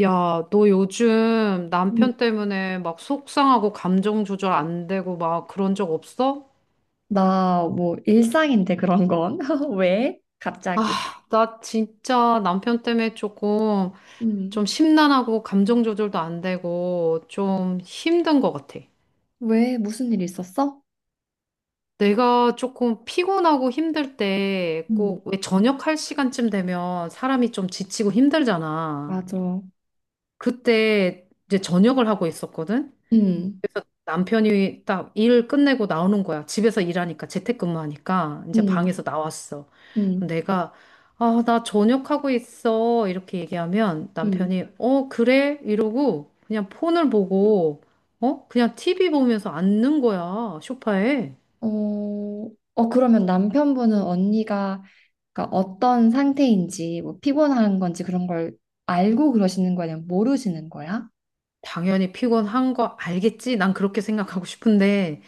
야, 너 요즘 음. 남편 때문에 막 속상하고 감정 조절 안 되고 막 그런 적 없어? 나 뭐 일상인데 그런 건. 왜? 갑자기? 아, 나 진짜 남편 때문에 조금 음. 좀 심란하고 감정 조절도 안 되고 좀 힘든 것 같아. 왜? 무슨 일 있었어? 내가 조금 피곤하고 힘들 때 음. 꼭 왜 저녁할 시간쯤 되면 사람이 좀 지치고 힘들잖아. 맞아. 그때 이제 저녁을 하고 있었거든? 음. 그래서 남편이 딱 일 끝내고 나오는 거야. 집에서 일하니까 재택근무하니까 이제 음. 방에서 나왔어. 그럼 음. 내가 아, 나 저녁하고 있어. 이렇게 얘기하면 음. 남편이 어, 그래? 이러고 그냥 폰을 보고 어? 그냥 TV 보면서 앉는 거야. 소파에. 어, 그러면 남편분은 언니가 그러니까 어떤 상태인지 뭐 피곤한 건지 그런 걸 알고 그러시는 거야? 아니면 모르시는 거야? 당연히 피곤한 거 알겠지? 난 그렇게 생각하고 싶은데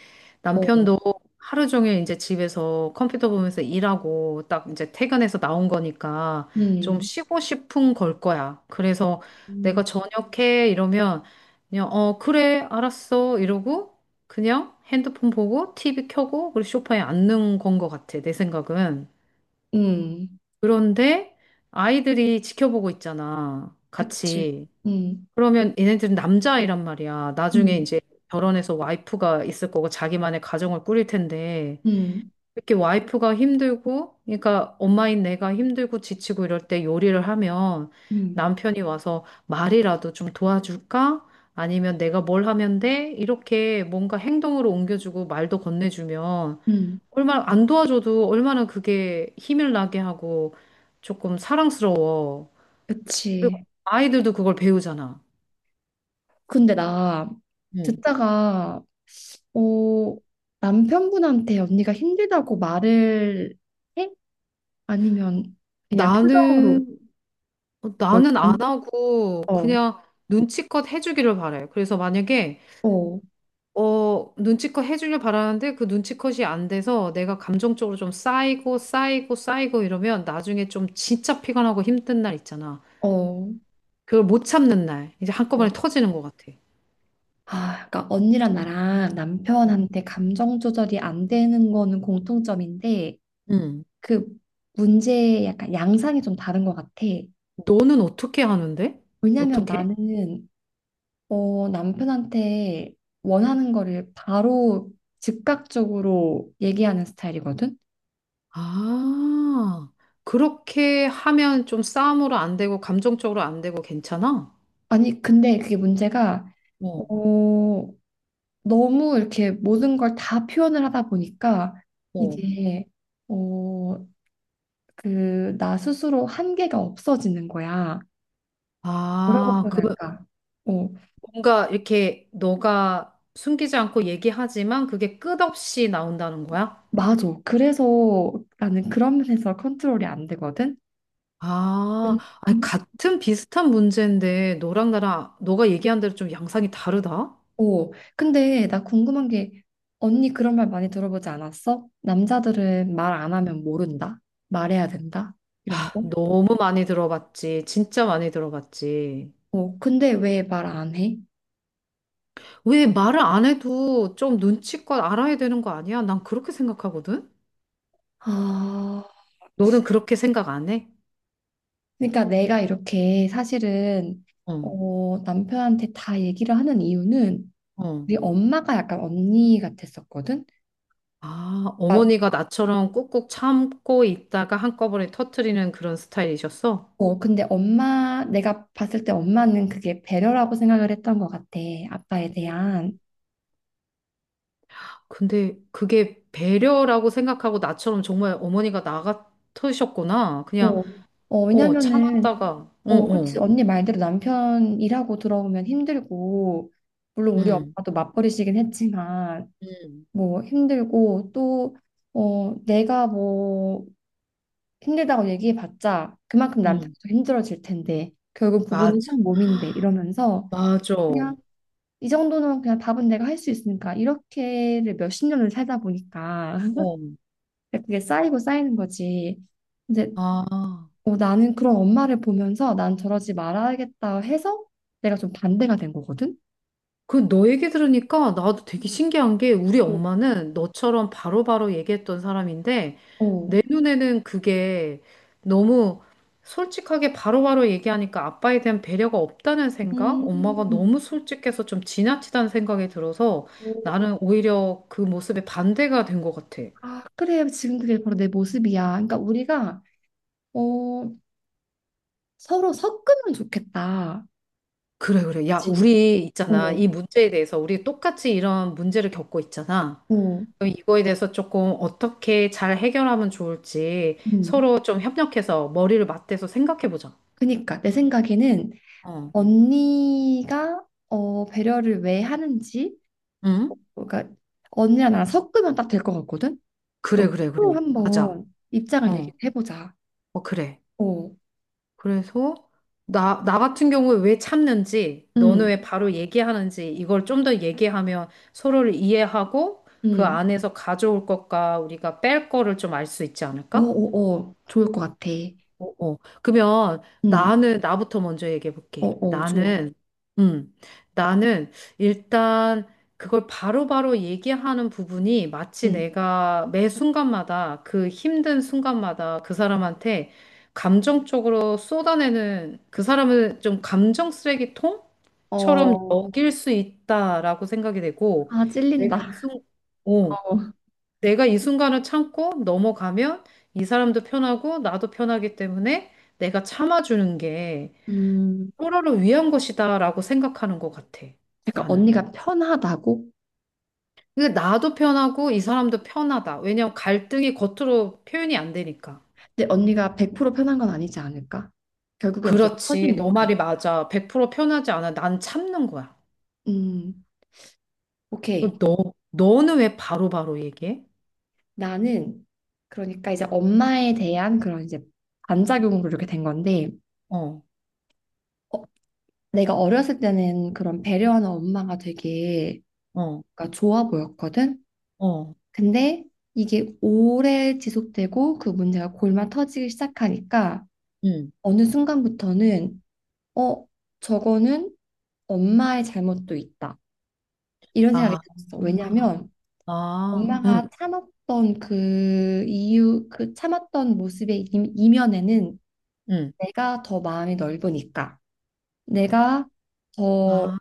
어. 남편도 하루 종일 이제 집에서 컴퓨터 보면서 일하고 딱 이제 퇴근해서 나온 거니까 좀 음. 쉬고 싶은 걸 거야. 그래서 내가 음. 저녁해 이러면 그냥 어 그래 알았어 이러고 그냥 핸드폰 보고 TV 켜고 그리고 소파에 앉는 건 거 같아 내 생각은. 음. 그런데 아이들이 지켜보고 있잖아 그치. 같이. 음. 그러면 얘네들은 남자아이란 말이야. 나중에 음. 이제 결혼해서 와이프가 있을 거고 자기만의 가정을 꾸릴 텐데 음. 이렇게 와이프가 힘들고 그러니까 엄마인 내가 힘들고 지치고 이럴 때 요리를 하면 음. 남편이 와서 말이라도 좀 도와줄까? 아니면 내가 뭘 하면 돼? 이렇게 뭔가 행동으로 옮겨주고 말도 건네주면 음. 얼마나 안 도와줘도 얼마나 그게 힘을 나게 하고 조금 사랑스러워. 그리고 그치. 아이들도 그걸 배우잖아. 근데 나 응. 듣다가 어, 남편분한테 언니가 힘들다고 말을 해? 아니면 그냥 표정으로 나는, 어, 뭘 나는 안 좀? 하고 어, 그냥 눈치껏 해주기를 바래. 그래서 만약에, 어, 어, 눈치껏 해주길 바라는데 그 눈치껏이 안 돼서 내가 감정적으로 좀 쌓이고 이러면 나중에 좀 진짜 피곤하고 힘든 날 있잖아. 어, 그걸 못 참는 날. 이제 어. 한꺼번에 터지는 것 같아. 아, 그러니까 언니랑 나랑 어. 남편한테 감정 조절이 안 되는 거는 공통점인데 응. 그 문제의 약간 양상이 좀 다른 것 같아. 너는 어떻게 하는데? 왜냐면 어떻게? 나는 남편한테 원하는 거를 바로 즉각적으로 얘기하는 스타일이거든? 아, 그렇게 하면 좀 싸움으로 안 되고 감정적으로 안 되고 괜찮아? 아니, 근데 그게 문제가, 어, 어. 너무 이렇게 모든 걸 다 표현을 하다 보니까 어. 이게, 어, 그, 나 스스로 한계가 없어지는 거야. 뭐라고 아, 표현할까? 어, 뭔가 이렇게 너가 숨기지 않고 얘기하지만 그게 끝없이 나온다는 거야? 맞아. 그래서 나는 그런 면에서 컨트롤이 안 되거든? 아, 아니, 음. 같은 비슷한 문제인데 너랑 나랑 너가 얘기한 대로 좀 양상이 다르다? 오, 근데 나 궁금한 게 언니 그런 말 많이 들어보지 않았어? 남자들은 말 안 하면 모른다. 말해야 된다. 이런 거. 너무 많이 들어봤지. 진짜 많이 들어봤지. 어, 근데 왜 말 안 해? 왜 말을 안 해도 좀 눈치껏 알아야 되는 거 아니야? 난 그렇게 생각하거든? 아, 너는 그렇게 생각 안 해? 그러니까 내가 이렇게 사실은 어, 남편한테 다 얘기를 하는 이유는 어. 우리 엄마가 약간 언니 같았었거든. 아, 아, 어머니가 나처럼 꾹꾹 참고 있다가 한꺼번에 터트리는 그런 스타일이셨어? 근데 엄마 내가 봤을 때 엄마는 그게 배려라고 생각을 했던 것 같아. 아빠에 음. 대한. 근데 그게 배려라고 생각하고 나처럼 정말 어머니가 나 같으셨구나. 그냥, 어, 어, 어, 왜냐면은 참았다가, 어, 그치. 어, 언니 말대로 남편 일하고 들어오면 힘들고, 물론 우리 음, 엄마도 맞벌이시긴 했지만, 음. 뭐 힘들고, 또, 어, 내가 뭐 힘들다고 얘기해봤자 그만큼 남편도 음, 힘들어질 텐데, 결국 맞아, 부부는 한 몸인데, 이러면서 맞아. 어. 그냥 이 정도는 그냥 밥은 내가 할 수 있으니까, 이렇게를 몇십 년을 살다 보니까, 그게 쌓이고 쌓이는 거지. 근데 아, 나는 그런 엄마를 보면서 난 저러지 말아야겠다 해서 내가 좀 반대가 된 거거든. 그 너 얘기 들으니까 나도 되게 신기한 게 우리 어, 엄마는 너처럼 바로바로 얘기했던 사람인데 어. 내 눈에는 그게 너무 솔직하게 바로바로 얘기하니까 아빠에 대한 배려가 없다는 생각? 엄마가 음. 너무 솔직해서 좀 지나치다는 생각이 들어서 나는 오히려 그 모습에 반대가 된 것 같아. 아, 그래. 지금 그게 바로 내 모습이야. 그러니까 우리가 어, 서로 섞으면 좋겠다. 그래, 그래. 야, 그치. 우리 있잖아. 어, 이 문제에 대해서 우리 똑같이 이런 문제를 겪고 있잖아. 어, 그럼 이거에 대해서 조금 어떻게 잘 해결하면 좋을지 음. 서로 좀 협력해서 머리를 맞대서 생각해 보자. 그니까 내 생각에는 어. 언니가 배려를 왜 하는지, 응? 그러니까 언니랑 나랑 섞으면 딱 될 것 같거든. 그래, 그러니까 그래, 그래. 서로 맞아. 한번 입장을 어. 얘기해보자. 어, 그래. 어, 그래서 나 같은 경우에 왜 참는지, 너는 음, 왜 바로 얘기하는지, 이걸 좀 더 얘기하면 서로를 이해하고 그 음. 안에서 가져올 것과 우리가 뺄 거를 좀 알 수 있지 어, 않을까? 어, 어, 좋을 것 같아. 어, 어. 그러면 응, 나는 나부터 먼저 얘기해 어, 볼게. 어, 좋아. 나는 음. 나는 일단 그걸 바로바로 얘기하는 부분이 마치 응. 내가 매 순간마다 그 힘든 순간마다 그 사람한테 감정적으로 쏟아내는 그 사람을 좀 감정 쓰레기통처럼 어, 여길 수 있다라고 생각이 되고 아, 내가 찔린다. 이 순간 어. 내가 이 순간을 참고 넘어가면 이 사람도 편하고 나도 편하기 때문에 내가 참아주는 게 음, 서로를 위한 것이다라고 생각하는 것 같아. 약간 나는. 언니가 편하다고? 근데 나도 편하고 이 사람도 편하다. 왜냐면 갈등이 겉으로 표현이 안 되니까. 근데 언니가 100% 편한 건 아니지 않을까? 결국엔 어차피 그렇지. 너 말이 터지니까. 맞아. 100% 편하지 않아. 난 참는 거야. 음, 그럼 오케이. 너는 왜 바로바로 얘기해? 나는, 그러니까 이제 엄마에 대한 그런 이제 반작용으로 이렇게 된 건데, 어, 어, 내가 어렸을 때는 그런 배려하는 엄마가 되게 어, 그러니까 좋아 보였거든? 어, 근데 이게 오래 지속되고 그 문제가 골마 터지기 시작하니까 응. 어느 순간부터는 어, 저거는 엄마의 잘못도 있다. 이런 생각이 아, 들었어. 왜냐하면 아, 응, 엄마가 참았던 그 이유, 그 참았던 모습의 이면에는 응. 내가 더 마음이 넓으니까, 내가 더 아.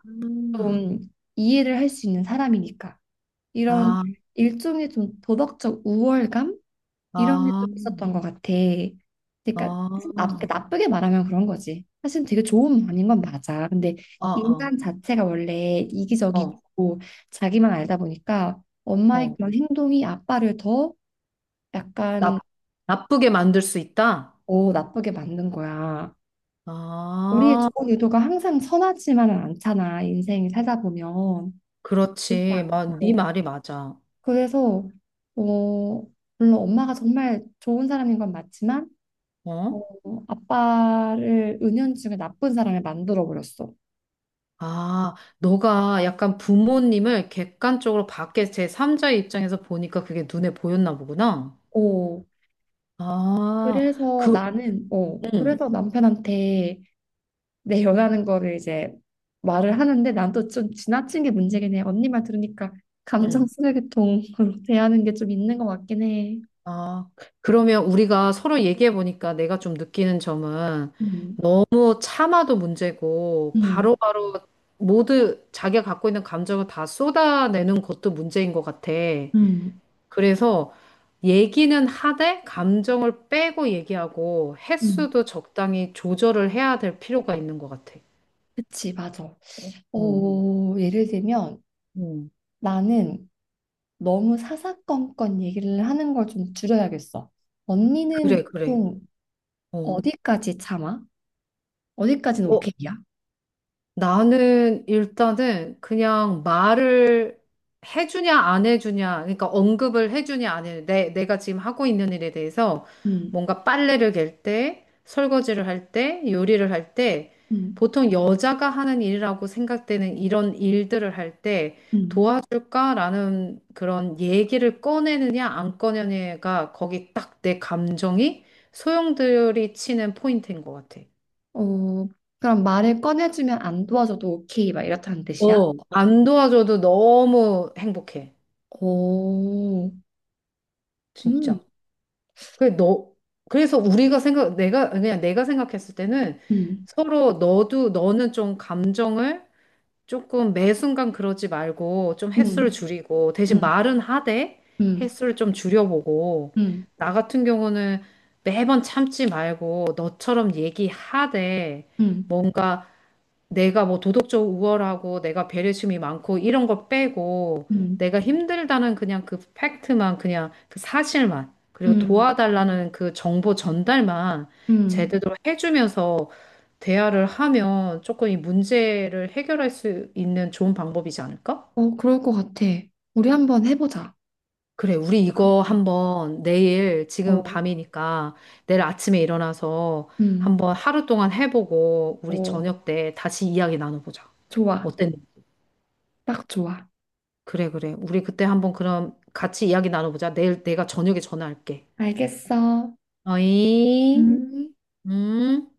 좀 이해를 할 수 있는 사람이니까, 이런 아, 일종의 좀 도덕적 우월감? 이런 게 아, 좀 있었던 것 같아. 그러니까 아, 사실 나, 그러니까 나쁘게 말하면 그런 거지. 사실 되게 좋은 반인 건 맞아. 근데 아, 아, 인간 자체가 원래 어, 이기적이고 자기만 알다 보니까 엄마의 어. 그런 행동이 아빠를 더 약간 나, 나쁘게 만들 수 있다? 더 나쁘게 만든 거야. 우리의 아, 좋은 의도가 항상 선하지만은 않잖아. 인생을 살다 보면. 그렇지 그렇지. 않지. 마, 네 어. 말이 맞아. 그래서 어, 물론 엄마가 정말 좋은 사람인 건 맞지만 어? 아빠를 은연중에 나쁜 사람을 만들어 버렸어. 아, 너가 약간 부모님을 객관적으로 밖에 제3자의 입장에서 보니까 그게 눈에 보였나 보구나. 어, 아, 그래서 그, 나는, 응, 그래서 남편한테 내 연하는 거를 이제 말을 하는데 난 또 좀 지나친 게 문제긴 해. 언니 말 들으니까 감정 응. 쓰레기통으로 대하는 게 좀 있는 것 같긴 해. 아, 그러면 우리가 서로 얘기해 보니까 내가 좀 느끼는 점은 음, 너무 참아도 문제고 음, 바로바로 모두 자기가 갖고 있는 감정을 다 쏟아내는 것도 문제인 것 같아. 음, 그래서 얘기는 하되 감정을 빼고 얘기하고 음. 횟수도 적당히 조절을 해야 될 필요가 있는 것 같아. 그치, 맞아. 어, 어, 예를 들면 음, 나는 너무 사사건건 얘기를 하는 걸 좀 줄여야겠어. 언니는 그래, 그래. 보통 어. 어디까지 참아? 어디까지는 오케이야? 나는 일단은 그냥 말을 해주냐 안 해주냐, 그러니까 언급을 해주냐 안 해주냐, 내가 지금 하고 있는 일에 대해서 음, 뭔가 빨래를 갤 때, 설거지를 할 때, 요리를 할 때, 음, 보통 여자가 하는 일이라고 생각되는 이런 일들을 할 때 음. 도와줄까라는 그런 얘기를 꺼내느냐 안 꺼내느냐가 거기 딱 내 감정이 소용돌이 치는 포인트인 것 같아. 어, 그럼 말을 꺼내주면 안 도와줘도 오케이, 막 이렇다는 뜻이야? 어, 안 도와줘도 너무 행복해. 오, 음, 진짜. 그래, 너, 그래서 우리가 내가, 그냥 내가 생각했을 때는 음, 서로 너도, 너는 좀 감정을 조금 매 순간 그러지 말고 좀 횟수를 음, 줄이고 대신 음, 말은 하되 음, 횟수를 좀 줄여보고 음, 나 같은 경우는 매번 참지 말고 너처럼 얘기하되 음, 뭔가 내가 뭐 도덕적 우월하고 내가 배려심이 많고 이런 거 빼고 음, 내가 힘들다는 그냥 그 팩트만 그냥 그 사실만 그리고 음, 도와달라는 그 정보 전달만 음. 제대로 해주면서 대화를 하면 조금 이 문제를 해결할 수 있는 좋은 방법이지 않을까? 어, 그럴 것 같아. 우리 한번 해보자. 그래, 우리 이거 그렇게. 한번 내일 지금 어, 밤이니까 내일 아침에 일어나서 음, 한번 하루 동안 해보고 우리 어, 저녁 때 다시 이야기 나눠보자. 좋아. 어땠니? 딱 좋아. 그래, 그래. 우리 그때 한번 그럼 같이 이야기 나눠보자. 내일 내가 저녁에 전화할게. 알겠어. 음. 어이, 음. 음.